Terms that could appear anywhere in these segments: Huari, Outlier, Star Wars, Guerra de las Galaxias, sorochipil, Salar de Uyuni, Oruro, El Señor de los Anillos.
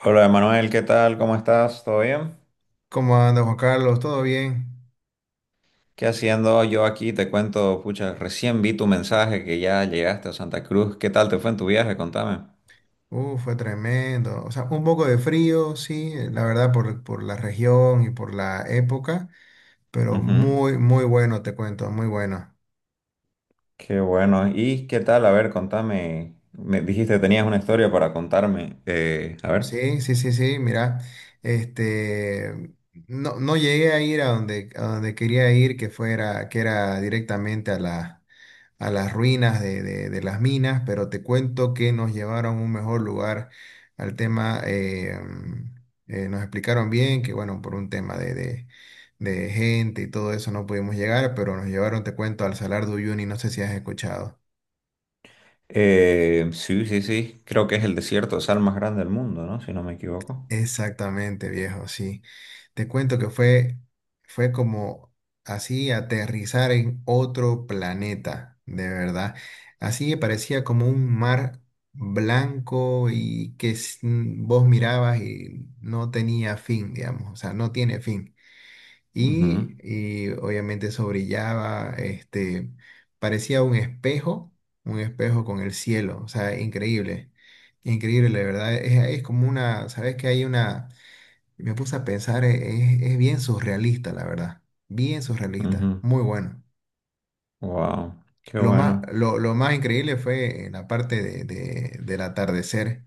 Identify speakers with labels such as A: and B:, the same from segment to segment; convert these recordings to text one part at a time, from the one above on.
A: Hola Manuel, ¿qué tal? ¿Cómo estás? ¿Todo bien?
B: ¿Cómo anda Juan Carlos? ¿Todo bien?
A: ¿Qué haciendo yo aquí? Te cuento, pucha, recién vi tu mensaje que ya llegaste a Santa Cruz. ¿Qué tal te fue en tu viaje? Contame.
B: Fue tremendo. O sea, un poco de frío, sí, la verdad, por la región y por la época, pero
A: Ujú.
B: muy, muy bueno, te cuento, muy bueno.
A: Qué bueno. ¿Y qué tal? A ver, contame. Me dijiste que tenías una historia para contarme. A ver.
B: Sí, sí, sí, sí, mira, este, no, no llegué a ir a donde, quería ir, que era directamente a las ruinas de las minas, pero te cuento que nos llevaron a un mejor lugar al tema, nos explicaron bien que, bueno, por un tema de gente y todo eso no pudimos llegar, pero nos llevaron, te cuento, al Salar de Uyuni, no sé si has escuchado.
A: Sí, sí, sí. Creo que es el desierto de sal más grande del mundo, ¿no? Si no me equivoco.
B: Exactamente, viejo, sí. Te cuento que fue como así aterrizar en otro planeta, de verdad. Así que parecía como un mar blanco y vos mirabas y no tenía fin, digamos, o sea, no tiene fin. Y obviamente eso brillaba, este, parecía un espejo con el cielo, o sea, increíble. Increíble, la verdad. Es como una, ¿sabes que hay una? Me puse a pensar, es bien surrealista, la verdad. Bien surrealista, muy bueno.
A: Wow. Qué
B: Lo más,
A: bueno.
B: lo, lo más increíble fue en la parte del atardecer,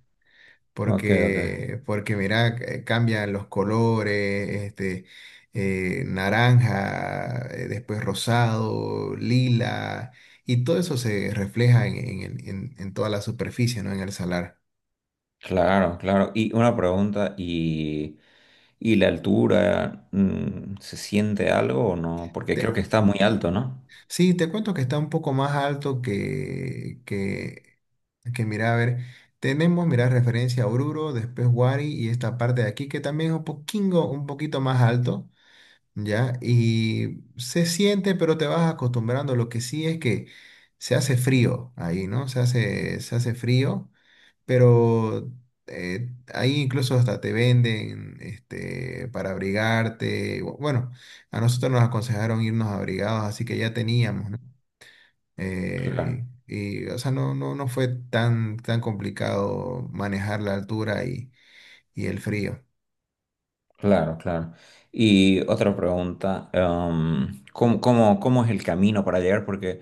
A: Ok, ok.
B: porque mira, cambian los colores, este, naranja, después rosado, lila, y todo eso se refleja en toda la superficie, ¿no? En el salar.
A: Claro, claro. Y una pregunta, ¿y la altura, se siente algo o no? Porque creo que está muy alto, ¿no?
B: Sí, te cuento que está un poco más alto que mira, a ver, tenemos, mira, referencia a Oruro, después Huari y esta parte de aquí que también es un poquito más alto, ¿ya? Y se siente, pero te vas acostumbrando. Lo que sí es que se hace frío ahí, ¿no? Se hace frío, pero ahí incluso hasta te venden, este, para abrigarte. Bueno, a nosotros nos aconsejaron irnos abrigados, así que ya teníamos, ¿no?
A: Claro,
B: O sea, no, no, no fue tan, tan complicado manejar la altura y el frío.
A: claro, claro. Y otra pregunta, ¿cómo, cómo es el camino para llegar? Porque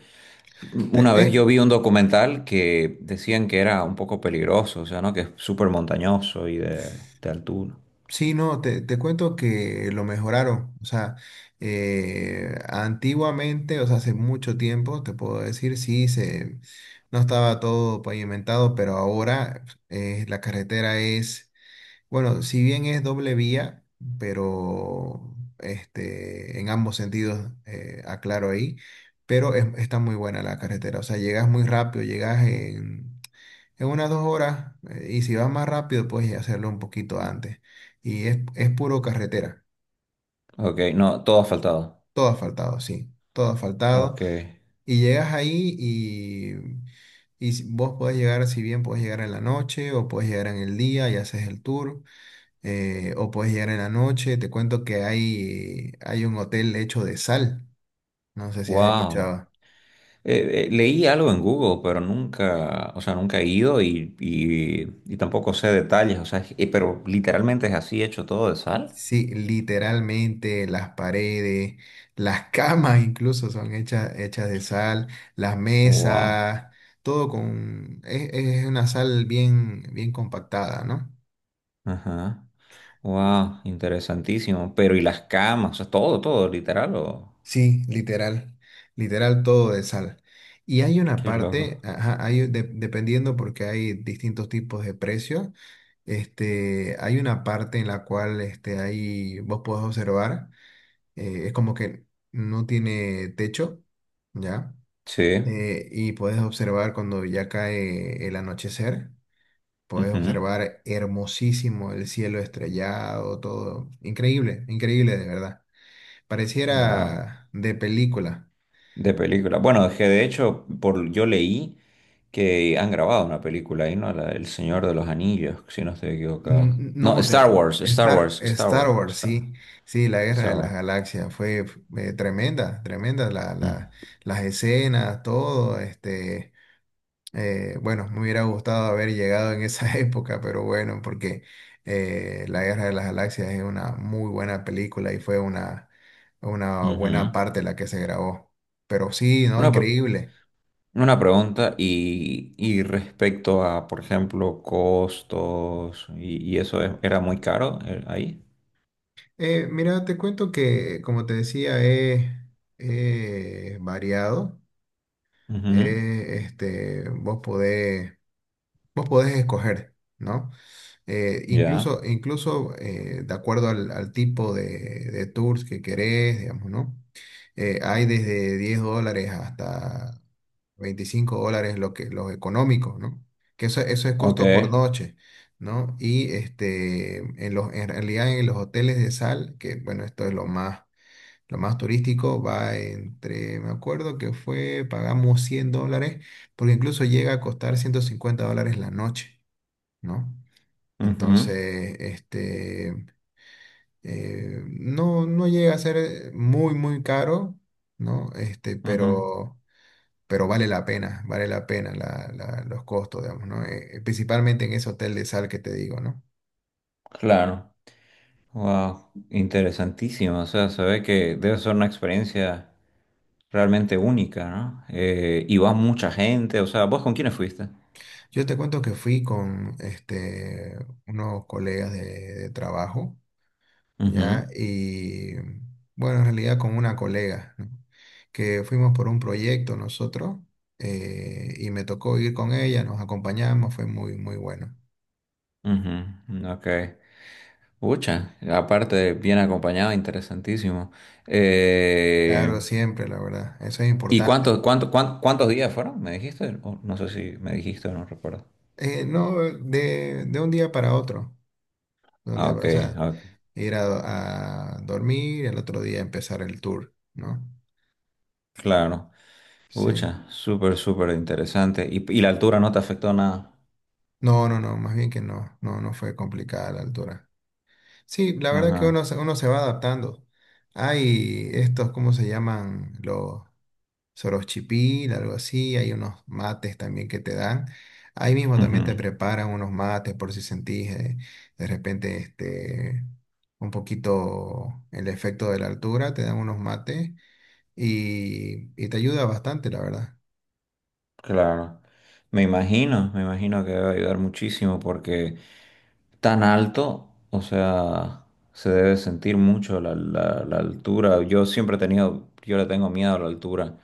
B: Te-
A: una vez
B: eh,
A: yo vi un documental que decían que era un poco peligroso, o sea, ¿no? Que es súper montañoso y de altura.
B: sí, no, te cuento que lo mejoraron. O sea, antiguamente, o sea, hace mucho tiempo, te puedo decir, sí, no estaba todo pavimentado, pero ahora la carretera es, bueno, si bien es doble vía, pero este, en ambos sentidos, aclaro ahí, pero está muy buena la carretera. O sea, llegas muy rápido, llegas en unas 2 horas, y si vas más rápido, puedes hacerlo un poquito antes. Y es puro carretera,
A: Ok, no, todo ha faltado.
B: todo asfaltado, sí, todo asfaltado.
A: Ok,
B: Y llegas ahí vos podés llegar, si bien podés llegar en la noche o podés llegar en el día y haces el tour. O puedes llegar en la noche. Te cuento que hay un hotel hecho de sal. No sé si has
A: wow.
B: escuchado.
A: Leí algo en Google, pero nunca, o sea, nunca he ido y tampoco sé detalles, o sea, pero literalmente es así hecho todo de sal.
B: Sí, literalmente las paredes, las camas incluso son hechas de sal, las
A: Wow,
B: mesas, todo con... Es una sal bien, bien compactada, ¿no?
A: ajá, wow, interesantísimo. Pero y las camas, o sea, todo, todo, literal, o
B: Sí, literal, literal todo de sal. Y hay una
A: qué loco.
B: parte, ajá, dependiendo porque hay distintos tipos de precios, este, hay una parte en la cual este, ahí vos podés observar, es como que no tiene techo, ¿ya?
A: Sí,
B: Y podés observar cuando ya cae el anochecer, podés
A: mhm.
B: observar hermosísimo el cielo estrellado, todo. Increíble, increíble de verdad.
A: Wow,
B: Pareciera de película.
A: de película. Bueno, es que de hecho, por yo leí que han grabado una película ahí, ¿no? El Señor de los Anillos, si no estoy equivocado.
B: Mm,
A: No,
B: No,
A: Star Wars, Star Wars, Star
B: Star
A: Wars,
B: Wars,
A: Star,
B: sí, sí, la Guerra
A: Star
B: de las
A: Wars.
B: Galaxias fue tremenda, tremenda,
A: Ujú,
B: las escenas, todo, este, bueno, me hubiera gustado haber llegado en esa época, pero bueno, porque la Guerra de las Galaxias es una muy buena película y fue una buena
A: ujú.
B: parte la que se grabó, pero sí, ¿no?
A: Una, pre-
B: Increíble.
A: una pregunta y respecto a, por ejemplo, costos y era muy caro ahí.
B: Mira, te cuento que, como te decía, he variado.
A: Ujú.
B: Este, vos podés escoger, ¿no? Eh,
A: Ya.
B: incluso, de acuerdo al tipo de tours que querés, digamos, ¿no? Hay desde $10 hasta $25 los económicos, ¿no? Que eso es
A: Ok.
B: costo por noche, ¿no? Y este, en realidad en los hoteles de sal, que bueno, esto es lo más turístico va entre, me acuerdo que pagamos $100, porque incluso llega a costar $150 la noche, ¿no?
A: Ujú,
B: Entonces, este, no, llega a ser muy, muy caro, ¿no? Este,
A: ujú.
B: pero vale la pena los costos, digamos, ¿no? Principalmente en ese hotel de sal que te digo, ¿no?
A: Claro. Wow, interesantísimo. O sea, se ve que debe ser una experiencia realmente única, ¿no? Y va mucha gente. O sea, ¿vos con quiénes fuiste?
B: Yo te cuento que fui con, este, unos colegas de trabajo. ¿Ya? Y bueno, en realidad con una colega, ¿no? Que fuimos por un proyecto nosotros, y me tocó ir con ella, nos acompañamos, fue muy, muy bueno.
A: Ujú, ujú, Ok. Pucha, aparte, bien acompañado, interesantísimo. Eh,
B: Claro, siempre, la verdad, eso es
A: ¿Y
B: importante.
A: cuántos, cuántos días fueron? ¿Me dijiste? O no sé si me dijiste o no recuerdo.
B: No, de un día para otro, de un
A: Ah,
B: día
A: ok,
B: para, o sea,
A: ah, ok,
B: ir a dormir y el otro día empezar el tour, ¿no?
A: claro.
B: Sí.
A: Pucha, súper, súper interesante. Y la altura no te afectó nada?
B: No, no, no, más bien que no, no, no fue complicada la altura. Sí, la verdad que
A: Ajá.
B: uno se va adaptando. Hay estos, ¿cómo se llaman? Los sorochipil, algo así. Hay unos mates también que te dan. Ahí mismo
A: Ujú.
B: también te preparan unos mates por si sentís de repente este, un poquito el efecto de la altura. Te dan unos mates y te ayuda bastante, la verdad.
A: Claro, me imagino que debe ayudar muchísimo porque tan alto, o sea, se debe sentir mucho la, la altura. Yo siempre he tenido, yo le tengo miedo a la altura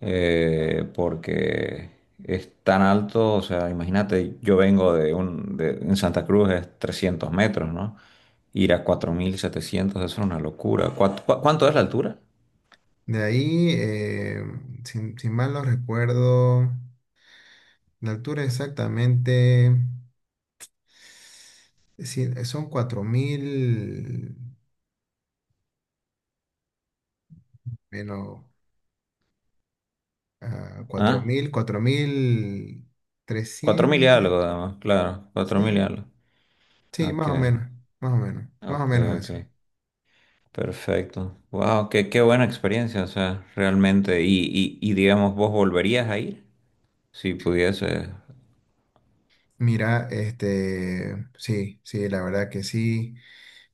A: porque es tan alto, o sea, imagínate, yo vengo de un, de, en Santa Cruz es 300 metros, ¿no? Ir a 4.700, eso es una locura. ¿Cuánto, cuánto es la altura?
B: De ahí, sin mal no recuerdo, la altura exactamente. Sí, son 4.000 menos cuatro
A: ¿Ah?
B: mil cuatro mil
A: 4.000 y
B: trescientos.
A: algo, además, claro, 4.000 y
B: Sí,
A: algo.
B: sí,
A: Ok.
B: más o menos, más o menos, más o
A: Ok,
B: menos
A: ok,
B: eso.
A: perfecto. Wow, qué, qué buena experiencia, o sea, realmente. Y digamos, ¿vos volverías a ir? Si pudiese.
B: Mira, este, sí, sí, la verdad que sí.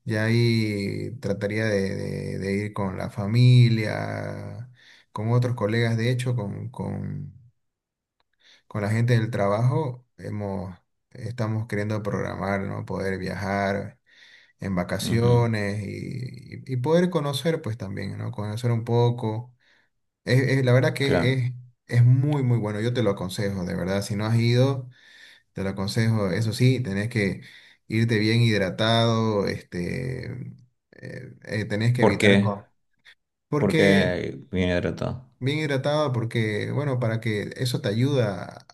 B: Ya ahí trataría de ir con la familia, con otros colegas, de hecho, con la gente del trabajo, estamos queriendo programar, ¿no? Poder viajar en
A: Ujú.
B: vacaciones y poder conocer pues también, ¿no? Conocer un poco. La verdad que
A: Claro.
B: es muy, muy bueno. Yo te lo aconsejo, de verdad. Si no has ido, te lo aconsejo. Eso sí, tenés que irte bien hidratado, este, tenés que
A: ¿Por
B: evitar...
A: qué? ¿Por
B: Porque
A: qué viene hidratado?
B: bien hidratado, porque, bueno, para que eso te ayuda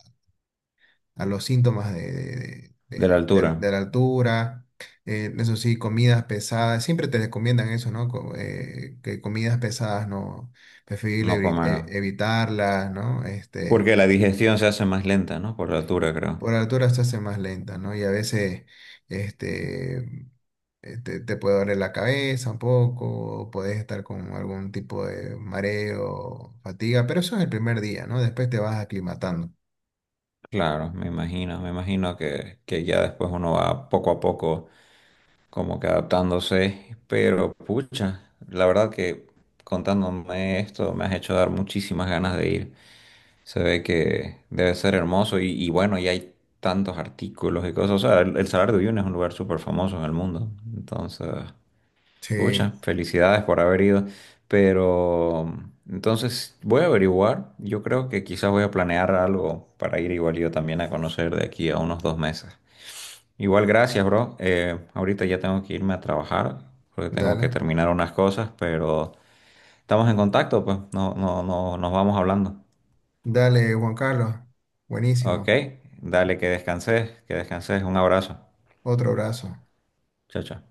B: a los síntomas de, de-
A: De la
B: de-
A: altura,
B: de- de la altura. Eso sí, comidas pesadas, siempre te recomiendan eso, ¿no? Que comidas pesadas no, preferible
A: no comer.
B: evitarlas, ¿no? Este,
A: Porque la digestión se hace más lenta, ¿no? Por la altura, creo.
B: por altura se hace más lenta, ¿no? Y a veces, este, te puede doler la cabeza un poco, o puedes estar con algún tipo de mareo, fatiga, pero eso es el primer día, ¿no? Después te vas aclimatando.
A: Claro, me imagino que ya después uno va poco a poco como que adaptándose, pero pucha, la verdad que contándome esto me has hecho dar muchísimas ganas de ir. Se ve que debe ser hermoso y bueno, y hay tantos artículos y cosas. O sea, el Salar de Uyuni es un lugar súper famoso en el mundo. Entonces,
B: Sí,
A: pucha, felicidades por haber ido. Pero entonces voy a averiguar. Yo creo que quizás voy a planear algo para ir igual yo también a conocer de aquí a unos 2 meses. Igual, gracias, bro. Ahorita ya tengo que irme a trabajar porque tengo
B: dale.
A: que terminar unas cosas, pero estamos en contacto, pues no, no, no, nos vamos hablando.
B: Dale, Juan Carlos.
A: Ok,
B: Buenísimo.
A: dale, que descanses, que descanses. Un abrazo.
B: Otro abrazo.
A: Chao, chao.